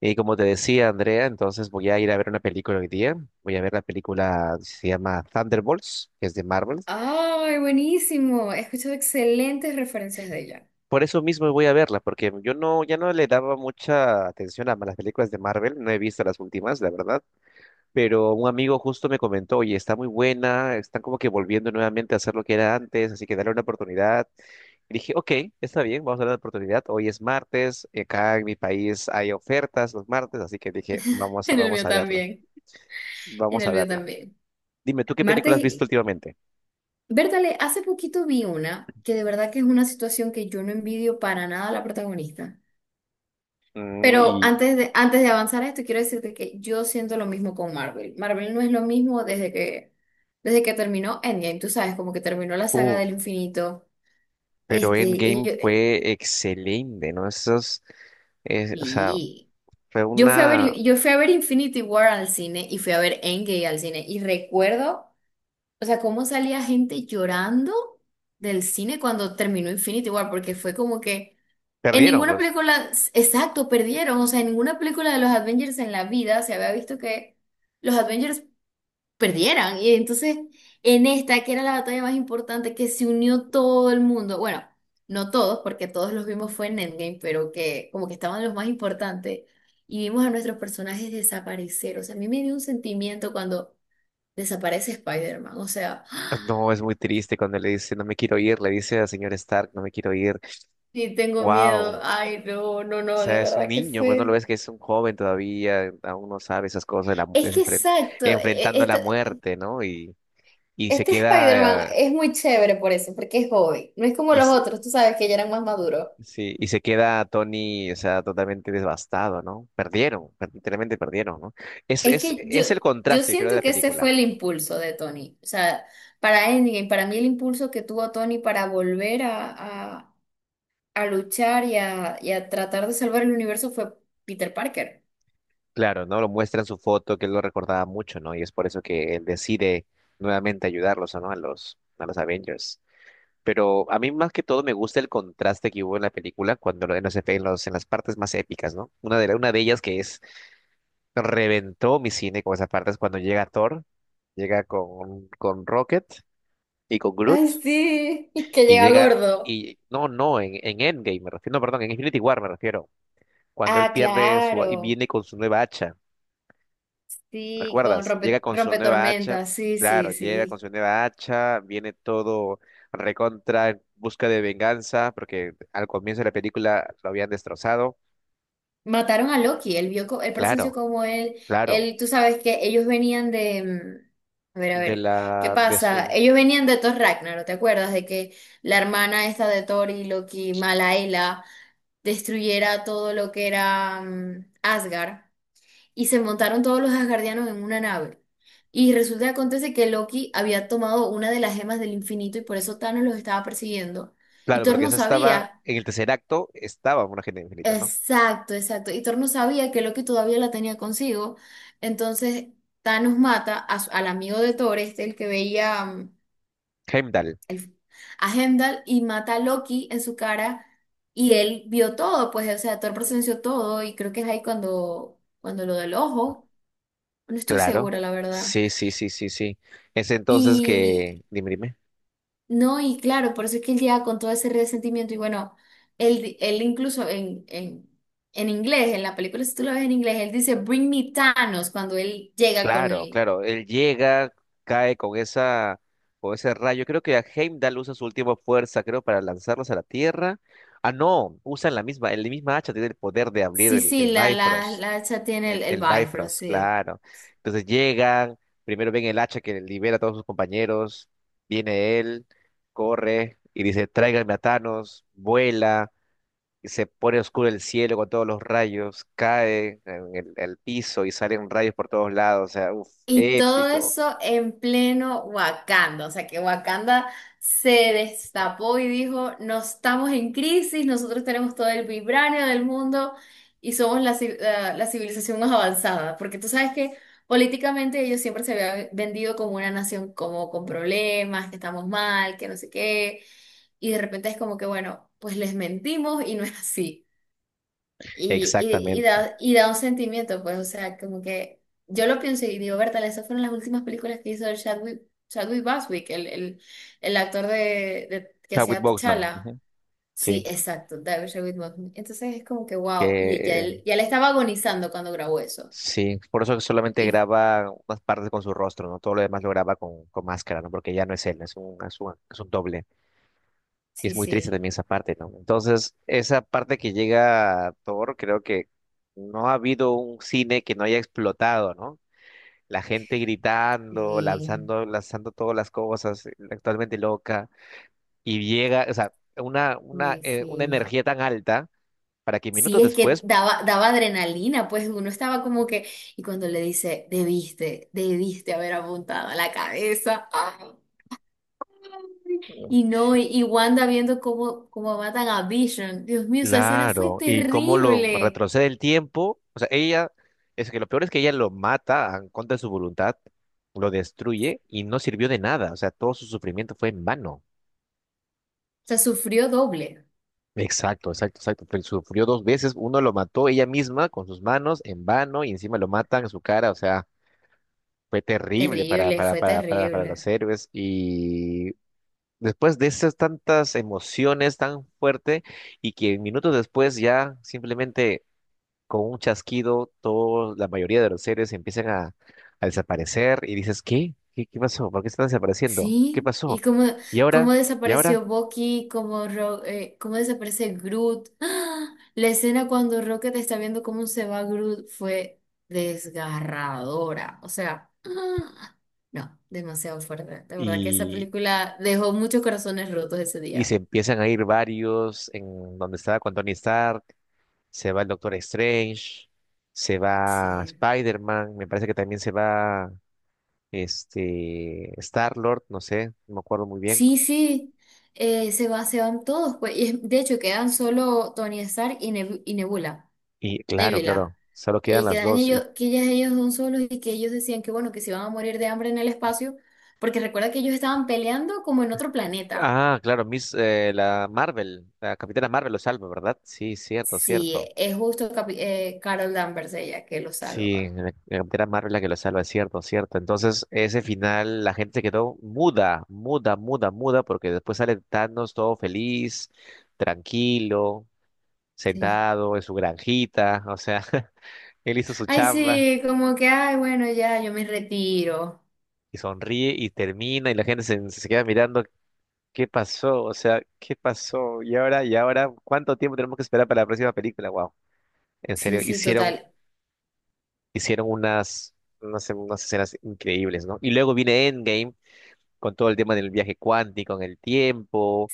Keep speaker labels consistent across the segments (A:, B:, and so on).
A: Y como te decía, Andrea, entonces voy a ir a ver una película hoy día. Voy a ver la película, se llama Thunderbolts, que es de Marvel.
B: ¡Ay, buenísimo! He escuchado excelentes referencias de ella.
A: Por eso mismo voy a verla, porque yo no, ya no le daba mucha atención a las películas de Marvel. No he visto las últimas, la verdad. Pero un amigo justo me comentó, oye, está muy buena, están como que volviendo nuevamente a hacer lo que era antes, así que dale una oportunidad. Y dije, ok, está bien, vamos a darle la oportunidad. Hoy es martes, y acá en mi país hay ofertas los martes, así que dije,
B: En el
A: vamos
B: mío
A: a verla,
B: también. En
A: vamos a
B: el mío
A: verla.
B: también.
A: Dime, ¿tú qué película
B: Martes
A: has visto
B: y...
A: últimamente?
B: Bertale, hace poquito vi una que de verdad que es una situación que yo no envidio para nada a la protagonista.
A: Mm,
B: Pero
A: Y,
B: antes de avanzar a esto, quiero decirte que yo siento lo mismo con Marvel. Marvel no es lo mismo desde que terminó Endgame. Tú sabes, como que terminó la saga del
A: Uff,
B: infinito.
A: pero
B: Este, y
A: Endgame
B: yo-
A: fue excelente, ¿no? O sea,
B: y-
A: fue
B: Yo fui a
A: una.
B: ver, yo fui a ver Infinity War al cine y fui a ver Endgame al cine y recuerdo, o sea, cómo salía gente llorando del cine cuando terminó Infinity War, porque fue como que en
A: Perdieron,
B: ninguna
A: pues.
B: película, exacto, perdieron, o sea, en ninguna película de los Avengers en la vida se había visto que los Avengers perdieran. Y entonces, en esta, que era la batalla más importante, que se unió todo el mundo, bueno, no todos, porque todos los vimos fue en Endgame, pero que como que estaban los más importantes, y vimos a nuestros personajes desaparecer. O sea, a mí me dio un sentimiento cuando desaparece Spider-Man, o sea, ¡ah!
A: No, es muy triste cuando le dice, no me quiero ir, le dice al señor Stark, no me quiero ir.
B: Sí, tengo
A: Wow.
B: miedo, ay, no, no,
A: O
B: no, de
A: sea, es un
B: verdad que
A: niño, pues no lo
B: fue.
A: ves que es un joven todavía, aún no sabe esas cosas, la mu-
B: Es
A: es
B: que
A: enfren-
B: exacto,
A: enfrentando la muerte, ¿no? Y se
B: este
A: queda,
B: Spider-Man es muy chévere por eso, porque es joven. No es como
A: y,
B: los otros, tú sabes que ya eran más maduros.
A: sí, y se queda Tony, o sea, totalmente devastado, ¿no? Perdieron, literalmente perdieron, ¿no? Es,
B: Es
A: es,
B: que yo,
A: es el
B: yo
A: contraste, yo creo, de
B: siento
A: la
B: que ese
A: película.
B: fue el impulso de Tony. O sea, para Endgame, para mí el impulso que tuvo Tony para volver a luchar y a tratar de salvar el universo fue Peter Parker.
A: Claro, ¿no? Lo muestra en su foto, que él lo recordaba mucho, ¿no? Y es por eso que él decide nuevamente ayudarlos, ¿no? A los Avengers. Pero a mí más que todo me gusta el contraste que hubo en la película cuando lo- en los, efe- en los- en las partes más épicas, ¿no? Una de ellas que es, reventó mi cine con esa parte es cuando llega Thor, llega con Rocket y con
B: Ay,
A: Groot.
B: sí, que
A: Y
B: llega
A: llega,
B: gordo.
A: y no, no, en Endgame me refiero, no, perdón, en Infinity War me refiero, cuando él
B: Ah,
A: pierde y
B: claro.
A: viene con su nueva hacha,
B: Sí, con
A: ¿recuerdas? Llega con su
B: rompe,
A: nueva hacha,
B: tormenta, Sí,
A: claro,
B: sí,
A: llega con
B: sí.
A: su nueva hacha, viene todo recontra, en busca de venganza, porque al comienzo de la película lo habían destrozado,
B: Mataron a Loki, él vio, él presenció
A: claro,
B: como él,
A: claro,
B: él, tú sabes que ellos venían de, a
A: de
B: ver, ¿qué
A: la, de
B: pasa?
A: su,
B: Ellos venían de Thor Ragnarok, ¿te acuerdas? De que la hermana esta de Thor y Loki, Malaela, destruyera todo lo que era Asgard, y se montaron todos los asgardianos en una nave. Y resulta que acontece que Loki había tomado una de las gemas del infinito y por eso Thanos los estaba persiguiendo. Y
A: claro,
B: Thor
A: porque
B: no
A: esa estaba,
B: sabía.
A: en el tercer acto estaba una gente infinita, ¿no?
B: Exacto, exacto. Y Thor no sabía que Loki todavía la tenía consigo. Entonces Thanos mata al amigo de Thor, este, el que veía,
A: Heimdall,
B: el- a Heimdall, y mata a Loki en su cara. Y él vio todo, pues, o sea, Thor presenció todo. Y creo que es ahí cuando, cuando lo del ojo. No estoy
A: claro,
B: segura, la verdad.
A: sí, sí, sí, sí, sí, dime, dime.
B: No, y claro, por eso es que él llega con todo ese resentimiento y bueno, él, él incluso en inglés, en la película, si tú lo ves en inglés, él dice, "Bring me Thanos", cuando él llega con
A: Claro,
B: el...
A: claro. Él llega, cae con esa, con ese rayo. Creo que Heimdall usa su última fuerza, creo, para lanzarlos a la Tierra. Ah, no, usan la misma, el misma hacha tiene el poder de abrir
B: Sí,
A: el,
B: sí,
A: el Bifrost.
B: la hacha tiene
A: El,
B: el
A: el
B: Bifrost,
A: Bifrost,
B: sí.
A: claro. Entonces llegan, primero ven el hacha que libera a todos sus compañeros. Viene él, corre y dice, tráiganme a Thanos, vuela, se pone oscuro el cielo con todos los rayos, cae en el piso y salen rayos por todos lados, o sea, uf,
B: Y todo
A: épico.
B: eso en pleno Wakanda, o sea que Wakanda se destapó y dijo, no estamos en crisis, nosotros tenemos todo el vibranio del mundo y somos la, la civilización más avanzada, porque tú sabes que políticamente ellos siempre se habían vendido como una nación como con problemas, que estamos mal, que no sé qué, y de repente es como que, bueno, pues les mentimos y no es así. Y,
A: Exactamente.
B: y da un sentimiento, pues, o sea, como que yo lo pienso y digo, Bertal, esas fueron las últimas películas que hizo el Chadwick, Chadwick Boswick, el actor de, que
A: Chadwick
B: hacía
A: Boseman,
B: T'Challa.
A: ujú.
B: Sí,
A: Sí,
B: exacto, David Chadwick Boseman. Entonces es como que,
A: que
B: wow, y ya
A: eh,
B: él, ya le estaba agonizando cuando grabó eso.
A: sí, por eso que solamente
B: Y
A: graba unas partes con su rostro, ¿no? Todo lo demás lo graba con máscara, ¿no? Porque ya no es él, es un doble. Y es
B: sí,
A: muy triste
B: sí,
A: también esa parte, ¿no? Entonces, esa parte que llega a Thor, creo que no ha habido un cine que no haya explotado, ¿no? La gente gritando,
B: sí,
A: lanzando todas las cosas, actualmente loca, y llega, o sea, una, una,
B: y
A: eh, una
B: sí.
A: energía tan alta para que
B: Sí,
A: minutos
B: es que
A: después,
B: daba, daba adrenalina, pues uno estaba como que, y cuando le dice, debiste, debiste haber apuntado a la cabeza. ¡Ah! Y no, y Wanda viendo cómo, cómo matan a Vision. Dios mío, esa escena fue
A: claro, y cómo lo
B: terrible.
A: retrocede el tiempo, o sea, es que lo peor es que ella lo mata en contra de su voluntad, lo destruye y no sirvió de nada, o sea, todo su sufrimiento fue en vano.
B: O sea, sufrió doble.
A: Exacto, exacto, exacto. Sufrió dos veces, uno lo mató ella misma con sus manos en vano y encima lo matan en su cara, o sea, fue terrible para,
B: Terrible,
A: para,
B: fue
A: para, para, para los
B: terrible.
A: héroes y después de esas tantas emociones tan fuerte y que minutos después ya simplemente con un chasquido todos, la mayoría de los héroes empiezan a desaparecer y dices, ¿qué? ¿Qué pasó? ¿Por qué están desapareciendo? ¿Qué
B: Sí, y
A: pasó?
B: cómo,
A: ¿Y ahora?
B: cómo
A: ¿Y ahora?
B: desapareció Bucky, cómo, cómo desaparece Groot. ¡Ah! La escena cuando Rocket está viendo cómo se va Groot fue desgarradora. O sea, ¡ah! No, demasiado fuerte. De verdad que esa
A: Y,
B: película dejó muchos corazones rotos ese
A: y se
B: día.
A: empiezan a ir varios en donde estaba con Tony Stark, se va el Doctor Strange, se va
B: Sí.
A: Spider-Man, me parece que también se va Star-Lord, no sé, no me acuerdo muy bien.
B: Sí, sí, se va, se van todos, pues, de hecho quedan solo Tony Stark y, y Nebula,
A: Y claro,
B: Nebula.
A: claro, solo quedan las
B: Quedan
A: dos.
B: ellos, que ellas, ellos son solos y que ellos decían que bueno, que se iban a morir de hambre en el espacio, porque recuerda que ellos estaban peleando como en otro planeta.
A: Ah, claro, la Capitana Marvel lo salva, ¿verdad? Sí, cierto,
B: Sí,
A: cierto.
B: es justo Carol Danvers ella que lo
A: Sí,
B: salva.
A: la Capitana Marvel la que lo salva, cierto, cierto. Entonces, ese final, la gente se quedó muda, muda, muda, muda, porque después sale Thanos todo feliz, tranquilo,
B: Sí.
A: sentado en su granjita, o sea, él hizo su
B: Ay,
A: chamba
B: sí, como que, ay, bueno, ya, yo me retiro.
A: y sonríe y termina y la gente se queda mirando. ¿Qué pasó? O sea, ¿qué pasó? Y ahora, ¿cuánto tiempo tenemos que esperar para la próxima película? Wow, en
B: Sí,
A: serio,
B: sí,
A: hicieron,
B: total.
A: hicieron unas escenas increíbles, ¿no? Y luego viene Endgame con todo el tema del viaje cuántico en el tiempo,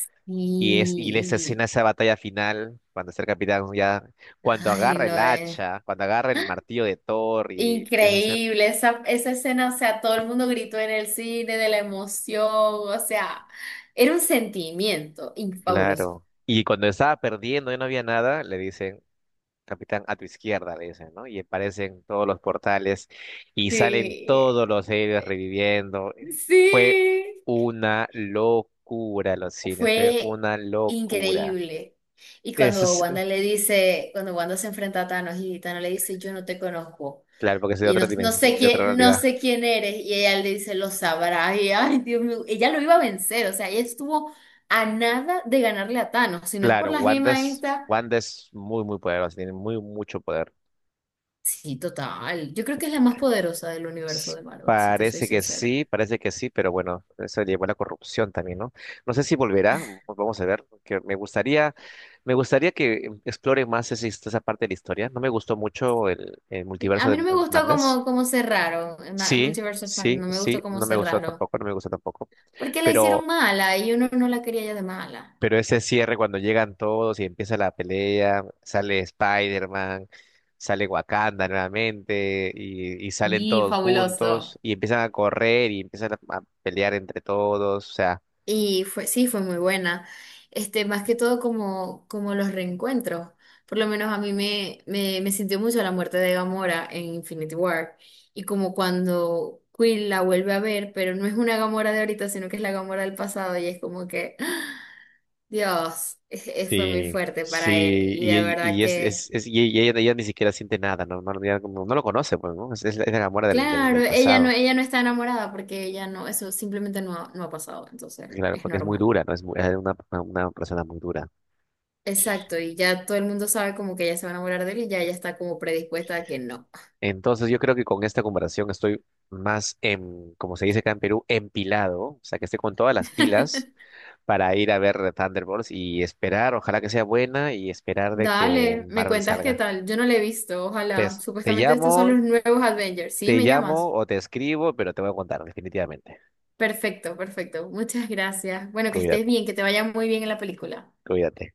A: y esa
B: Y,
A: escena, esa batalla final cuando está el capitán ya, cuando
B: ay,
A: agarra el
B: no, es.
A: hacha, cuando agarra el martillo de Thor y empieza a hacer,
B: Increíble, esa escena, o sea, todo el mundo gritó en el cine de la emoción, o sea, era un sentimiento fabuloso.
A: claro. Y cuando estaba perdiendo y no había nada, le dicen, capitán, a tu izquierda, le dicen, ¿no? Y aparecen todos los portales y salen
B: Sí,
A: todos los héroes reviviendo. Fue
B: sí,
A: una locura los cines, fue
B: fue
A: una locura.
B: increíble. Y
A: Eso
B: cuando
A: es,
B: Wanda le dice, cuando Wanda se enfrenta a Thanos y Thanos le dice, yo no te conozco
A: claro, porque es de
B: y no,
A: otra
B: no sé
A: dimensión, de otra
B: quién, no
A: realidad.
B: sé quién eres, y ella le dice, lo sabrás, y ay, Dios mío, ella lo iba a vencer, o sea, ella estuvo a nada de ganarle a Thanos, si no es por
A: Claro,
B: la
A: Wanda
B: gema
A: es,
B: esta.
A: Wanda es muy, muy poderosa, tiene muy, mucho poder.
B: Sí, total. Yo creo que es la más poderosa del universo
A: S-
B: de Marvel, si te soy sincera.
A: Parece que sí, pero bueno, eso llevó a la corrupción también, ¿no? No sé si volverá, vamos a ver, que me gustaría, que explore más esa parte de la historia. No me gustó mucho el
B: Sí, a
A: multiverso
B: mí
A: de
B: no me gustó
A: Madness.
B: cómo, cómo cerraron, en
A: Sí,
B: Multiverse of Madness,
A: sí,
B: no me gustó
A: sí,
B: cómo
A: no me gustó
B: cerraron,
A: tampoco, no me gustó tampoco.
B: porque la hicieron
A: Pero
B: mala y uno no la quería ya de mala.
A: Pero ese cierre cuando llegan todos y empieza la pelea, sale Spider-Man, sale Wakanda nuevamente y, salen
B: Y
A: todos juntos
B: fabuloso.
A: y empiezan a correr y empiezan a pelear entre todos, o sea,
B: Y fue, sí, fue muy buena. Este, más que todo como, como los reencuentros. Por lo menos a mí me, me, me sintió mucho la muerte de Gamora en Infinity War. Y como cuando Quill la vuelve a ver, pero no es una Gamora de ahorita, sino que es la Gamora del pasado. Y es como que, ¡ah! Dios, fue muy
A: sí,
B: fuerte para él.
A: sí,
B: Y de
A: y,
B: verdad
A: y
B: que,
A: y ella ni siquiera siente nada, no, no, no lo conoce, pues, ¿no? Es la Gamora del, del,
B: claro,
A: del pasado,
B: ella no está enamorada porque ella no, eso simplemente no, no ha pasado. Entonces,
A: claro,
B: es
A: porque es muy
B: normal.
A: dura, ¿no? Es una persona muy dura.
B: Exacto, y ya todo el mundo sabe como que ella se va a enamorar de él y ya ella está como predispuesta a que no.
A: Entonces yo creo que con esta comparación estoy más, como se dice acá en Perú, empilado, o sea que estoy con todas las pilas para ir a ver Thunderbolts y esperar, ojalá que sea buena y esperar de que
B: Dale, me
A: Marvel
B: cuentas qué
A: salga.
B: tal. Yo no le he visto,
A: Te,
B: ojalá.
A: es- te
B: Supuestamente estos son
A: llamo,
B: los nuevos Avengers. ¿Sí?
A: te
B: ¿Me llamas?
A: llamo o te escribo, pero te voy a contar definitivamente.
B: Perfecto, perfecto. Muchas gracias. Bueno, que estés
A: Cuídate,
B: bien, que te vaya muy bien en la película.
A: cuídate.